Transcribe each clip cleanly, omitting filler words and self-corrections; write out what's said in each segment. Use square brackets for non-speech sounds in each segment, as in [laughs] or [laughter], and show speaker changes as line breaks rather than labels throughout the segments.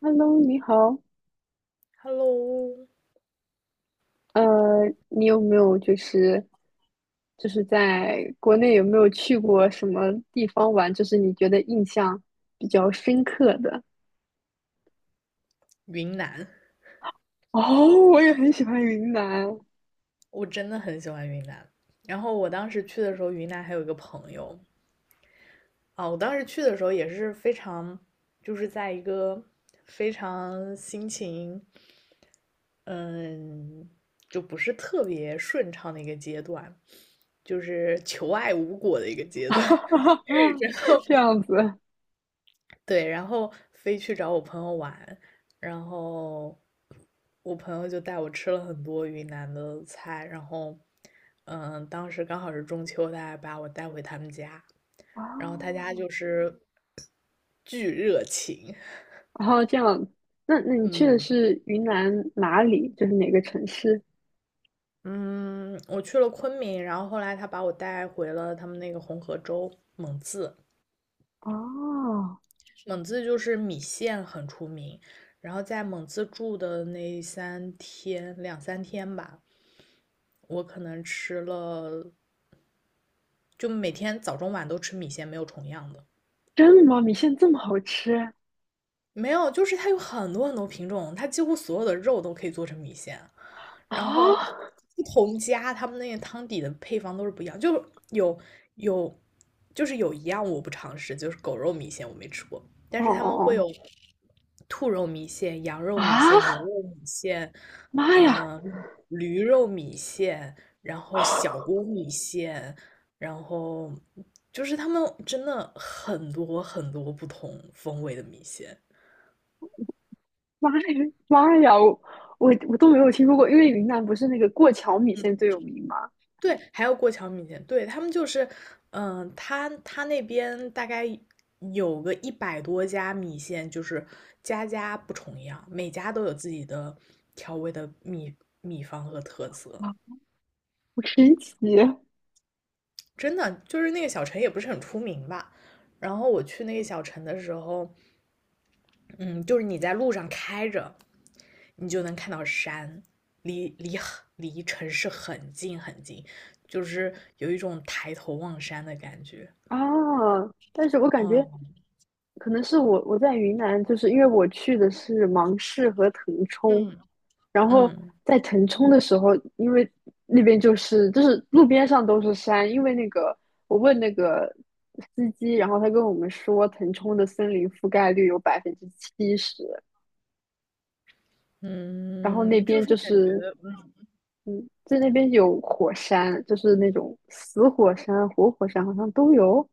Hello，你好。
Hello，
呃，你有没有就是在国内有没有去过什么地方玩？就是你觉得印象比较深刻的？
云南，
哦，我也很喜欢云南。
我真的很喜欢云南。然后我当时去的时候，云南还有一个朋友啊，我当时去的时候也是非常，就是在一个非常心情，嗯，就不是特别顺畅的一个阶段，就是求爱无果的一个阶段。
[laughs] 这样子
对，然后飞去找我朋友玩，然后我朋友就带我吃了很多云南的菜，然后，当时刚好是中秋，他还把我带回他们家，然后他家
哦，
就是巨热情，
然后这样，那你去的
嗯
是云南哪里？就是哪个城市？
嗯，我去了昆明，然后后来他把我带回了他们那个红河州蒙自，
哦，
蒙自就是米线很出名，然后在蒙自住的那两三天吧，我可能吃了，就每天早中晚都吃米线，没有重样的。
真的吗？米线这么好吃？
没有，就是它有很多很多品种，它几乎所有的肉都可以做成米线。然后
哦，
不同家他们那个汤底的配方都是不一样，就有有就是有一样我不尝试，就是狗肉米线我没吃过，但
哦
是他
哦
们会
哦，
有兔肉米线、羊肉米
啊！
线、牛肉米线，
妈呀，
嗯驴肉米线，然后小锅米线，然后就是他们真的很多很多不同风味的米线。
[laughs] 妈呀，妈呀，我都没有听说过，因为云南不是那个过桥米线
嗯，
最有名吗？
对，还有过桥米线，对，他们就是，他那边大概有个100多家米线，就是家家不重样，每家都有自己的调味的秘方和特色。
啊，好神奇
真的，就是那个小城也不是很出名吧。然后我去那个小城的时候，嗯，就是你在路上开着，你就能看到山，离城市很近很近，就是有一种抬头望山的感觉。
啊！但是我感觉
嗯
可能是我在云南，就是因为我去的是芒市和腾冲，
嗯
然后
嗯
在腾冲的时候，因为那边就是路边上都是山，因为那个我问那个司机，然后他跟我们说腾冲的森林覆盖率有70%，然后那
嗯，就
边
是
就
感觉，
是。
嗯，
嗯，在那边有火山，就是那种死火山、活火山，好像都有，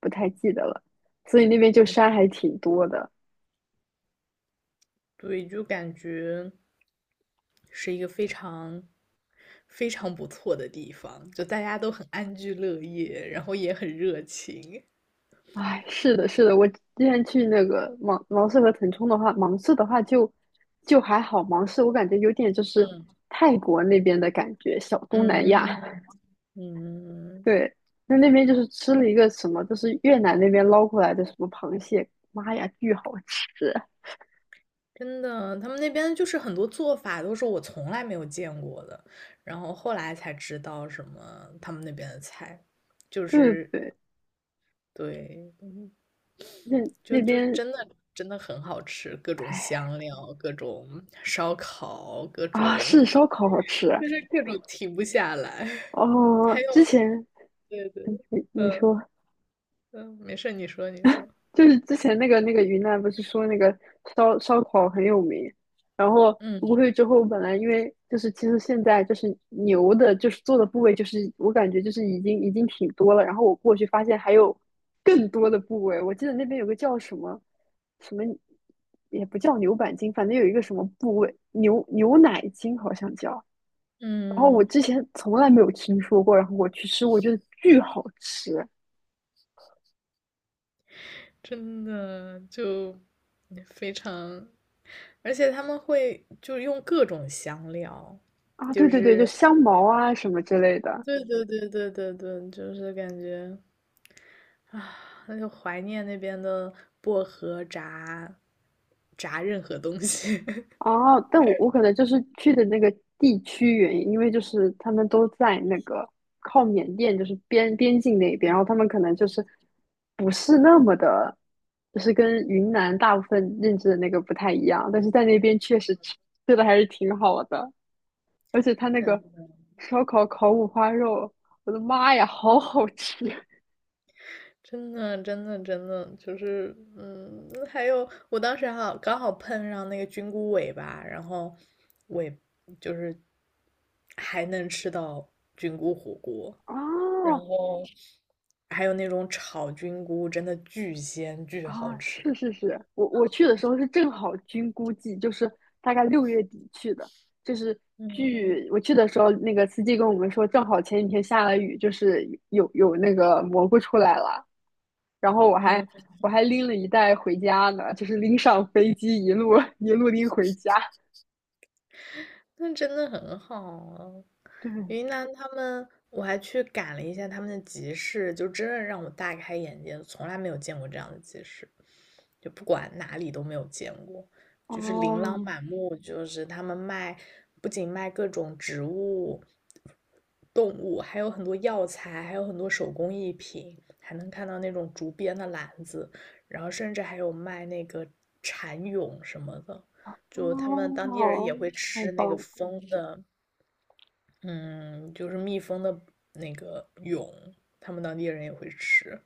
不太记得了。所以那边就山还挺多的。
对，就感觉是一个非常非常不错的地方，就大家都很安居乐业，然后也很热情。
哎，是的，是的，我之前去那个芒市和腾冲的话，芒市的话就还好，芒市我感觉有点就是泰国那边的感觉，小东南亚。
嗯嗯，
对，那边就是吃了一个什么，就是越南那边捞过来的什么螃蟹，妈呀，巨好吃！
真的，他们那边就是很多做法都是我从来没有见过的，然后后来才知道什么他们那边的菜，就
对对
是
对，
对，
那
就
那
就
边，
真的真的很好吃，各种
哎，
香料，各种烧烤，
啊，是烧烤好吃
就是各种停不下来。[laughs] 还
哦。
有，
之前
对对，
你
嗯
说，
嗯，没事，你说你说，
就是之前那个云南不是说那个烧烤很有名，然后
嗯
我过去之后本来因为就是其实现在就是牛的，就是做的部位就是我感觉就是已经挺多了，然后我过去发现还有更多的部位，我记得那边有个叫什么什么也不叫牛板筋，反正有一个什么部位牛奶筋好像叫，然后我
嗯，
之前从来没有听说过，然后我去吃，我觉得巨好吃
真的就非常，而且他们会就用各种香料，
啊！对
就
对对，就
是
香茅啊什么之类的
对对对对对对，就是感觉啊，那就怀念那边的薄荷炸任何东西。[laughs]
啊。但我可能就是去的那个地区原因，因为就是他们都在那个靠缅甸，就是边境那边，然后他们可能就是不是那么的，就是跟云南大部分认知的那个不太一样，但是在那边确实吃的还是挺好的，而且他那
真
个
的，
烧烤烤五花肉，我的妈呀，好好吃！
真的，真的，真的，就是，还有，我当时还好刚好碰上那个菌菇尾巴，然后尾就是还能吃到菌菇火锅，然
哦
后还有那种炒菌菇，真的巨鲜巨好
啊，是
吃。
是是，我去的时候是正好菌菇季，就是大概6月底去的，就是
嗯
据我去的时候，那个司机跟我们说，正好前几天下了雨，就是有那个蘑菇出来了，然后我还
嗯。
我还拎了一袋回家呢，就是拎上飞机一路 [laughs] 一路拎回家。
那真的很好啊。
对，
云南他们，我还去赶了一下他们的集市，就真的让我大开眼界，从来没有见过这样的集市，就不管哪里都没有见过，就是琳琅
哦
满目，就是他们卖，不仅卖各种植物、动物，还有很多药材，还有很多手工艺品，还能看到那种竹编的篮子，然后甚至还有卖那个蚕蛹什么的。就他们当地人
哦，
也会
太
吃那
棒
个
了
蜂的，嗯，就是蜜蜂的那个蛹，他们当地人也会吃。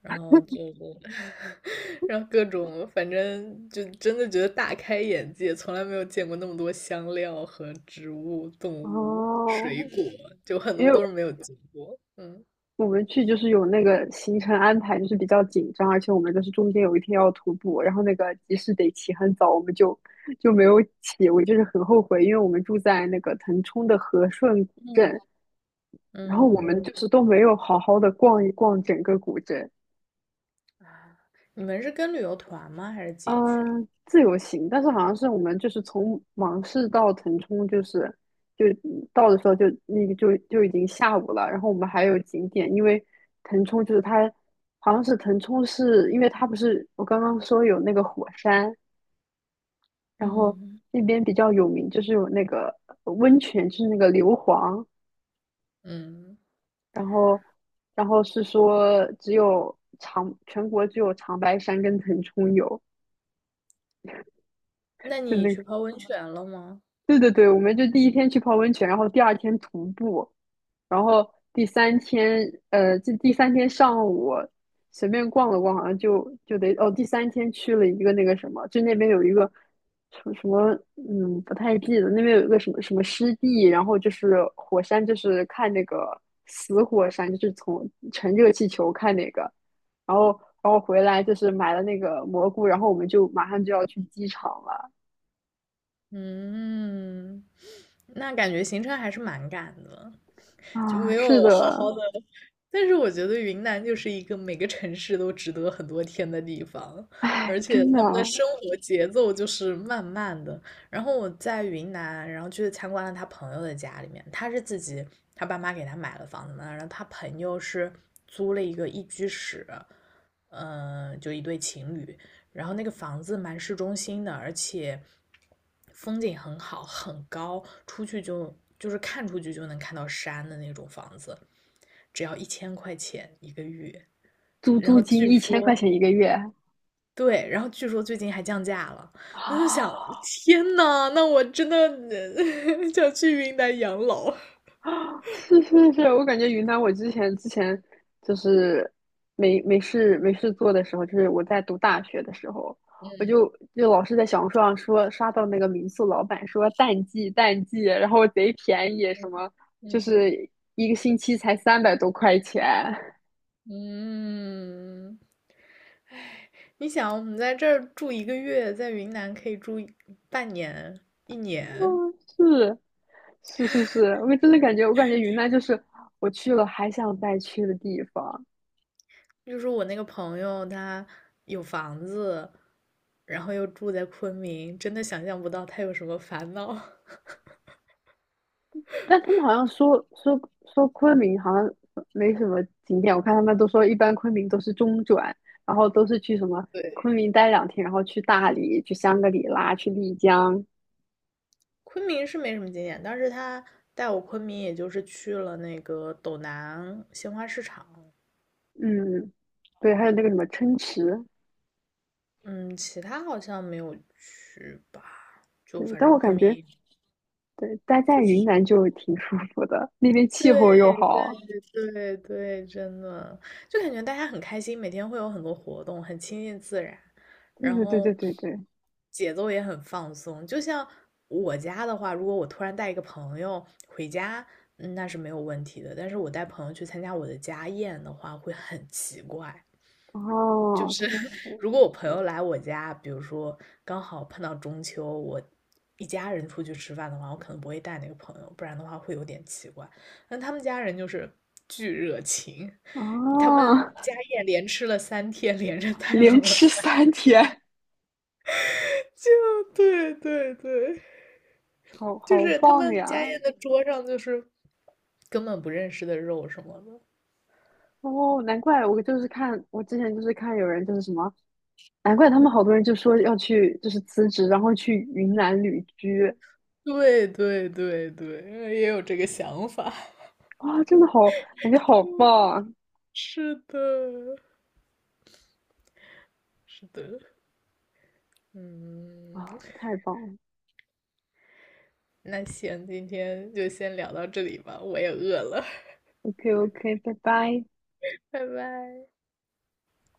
然后就是，[laughs] 然后各种，反正就真的觉得大开眼界，从来没有见过那么多香料和植物、动物、水
哦！
果，就很
因
多
为
都是没有见过。嗯
我们去就是有那个行程安排，就是比较紧张，而且我们就是中间有一天要徒步，然后那个集市得起很早，我们就没有起，我就是很后悔，因为我们住在那个腾冲的和顺古
嗯，
镇，然后我
嗯，
们就是都没有好好的逛一逛整个古镇，
你们是跟旅游团吗？还是自己去？
嗯，自由行，但是好像是我们就是从芒市到腾冲，就是就到的时候就那个就已经下午了。然后我们还有景点，因为腾冲就是它好像是腾冲是因为它不是我刚刚说有那个火山，然后
嗯
那边比较有名，就是有那个温泉，就是那个硫磺，
嗯，
然后然后是说只有长全国只有长白山跟腾冲有。
那
就
你
那。
去泡温泉了吗？
对对对，我们就第1天去泡温泉，然后第2天徒步，然后第三天，这第三天上午随便逛了逛，好像就得哦，第三天去了一个那个什么，就那边有一个什么什么，嗯，不太记得，那边有一个什么什么湿地，然后就是火山，就是看那个死火山，就是从乘热气球看那个，然后然后回来就是买了那个蘑菇，然后我们就马上就要去机场了
嗯，那感觉行程还是蛮赶的，就没
啊，是
有好
的。
好的。但是我觉得云南就是一个每个城市都值得很多天的地方，而
哎，
且
真的，
他们的生活节奏就是慢慢的。然后我在云南，然后去参观了他朋友的家里面，他是自己，他爸妈给他买了房子嘛，然后他朋友是租了一个一居室，就一对情侣，然后那个房子蛮市中心的，而且风景很好，很高，出去就是看出去就能看到山的那种房子，只要1000块钱一个月。
租
然
租
后
金
据
一千块
说，
钱1个月
对，然后据说最近还降价了。我就
啊！
想，天呐，那我真的[laughs] 想去云南养老。
是是是，我感觉云南，我之前就是没事做的时候，就是我在读大学的时候，我就老是在小红书上说刷到那个民宿老板说淡季淡季，然后贼便宜，什么就
嗯
是1个星期才300多块钱。
嗯，你想，我们在这儿住一个月，在云南可以住半年、一年，
嗯，是是是是，我感觉云南就是我去了还想再去的地方。
就是我那个朋友，他有房子，然后又住在昆明，真的想象不到他有什么烦恼。[laughs]
但他们好像说昆明好像没什么景点，我看他们都说一般昆明都是中转，然后都是去什么昆
对，
明待2天，然后去大理、去香格里拉、去丽江，
昆明是没什么经验，但是他带我昆明，也就是去了那个斗南鲜花市场，
嗯，对，还有那个什么琛池，
嗯，其他好像没有去吧，就
对，
反
但
正
我
昆
感觉
明
对待在云南就挺舒服的，那边气
对
候又好，
对对对，真的，就感觉大家很开心，每天会有很多活动，很亲近自然，
对
然
对对
后
对对对，
节奏也很放松。就像我家的话，如果我突然带一个朋友回家，那是没有问题的。但是我带朋友去参加我的家宴的话，会很奇怪，就
哦，
是
确实，
如果我朋友来我家，比如说刚好碰到中秋，我一家人出去吃饭的话，我可能不会带那个朋友，不然的话会有点奇怪。但他们家人就是巨热情，他们
哦，
家宴连吃了三天，连着
[laughs]
带了
连
我
吃
三，
三天，
[laughs] 就对对对，
好
就
好
是他
棒
们家
呀！
宴的桌上就是根本不认识的肉什么的。
哦，难怪我就是看，我之前就是看有人就是什么，难怪他们好多人就说要去就是辞职，然后去云南旅居，
对对对对，也有这个想法。
哇，真的好，感觉好棒
是的，是的。嗯，
啊，太棒了
那行，今天就先聊到这里吧，我也饿了，
，OK OK，拜拜。
拜拜。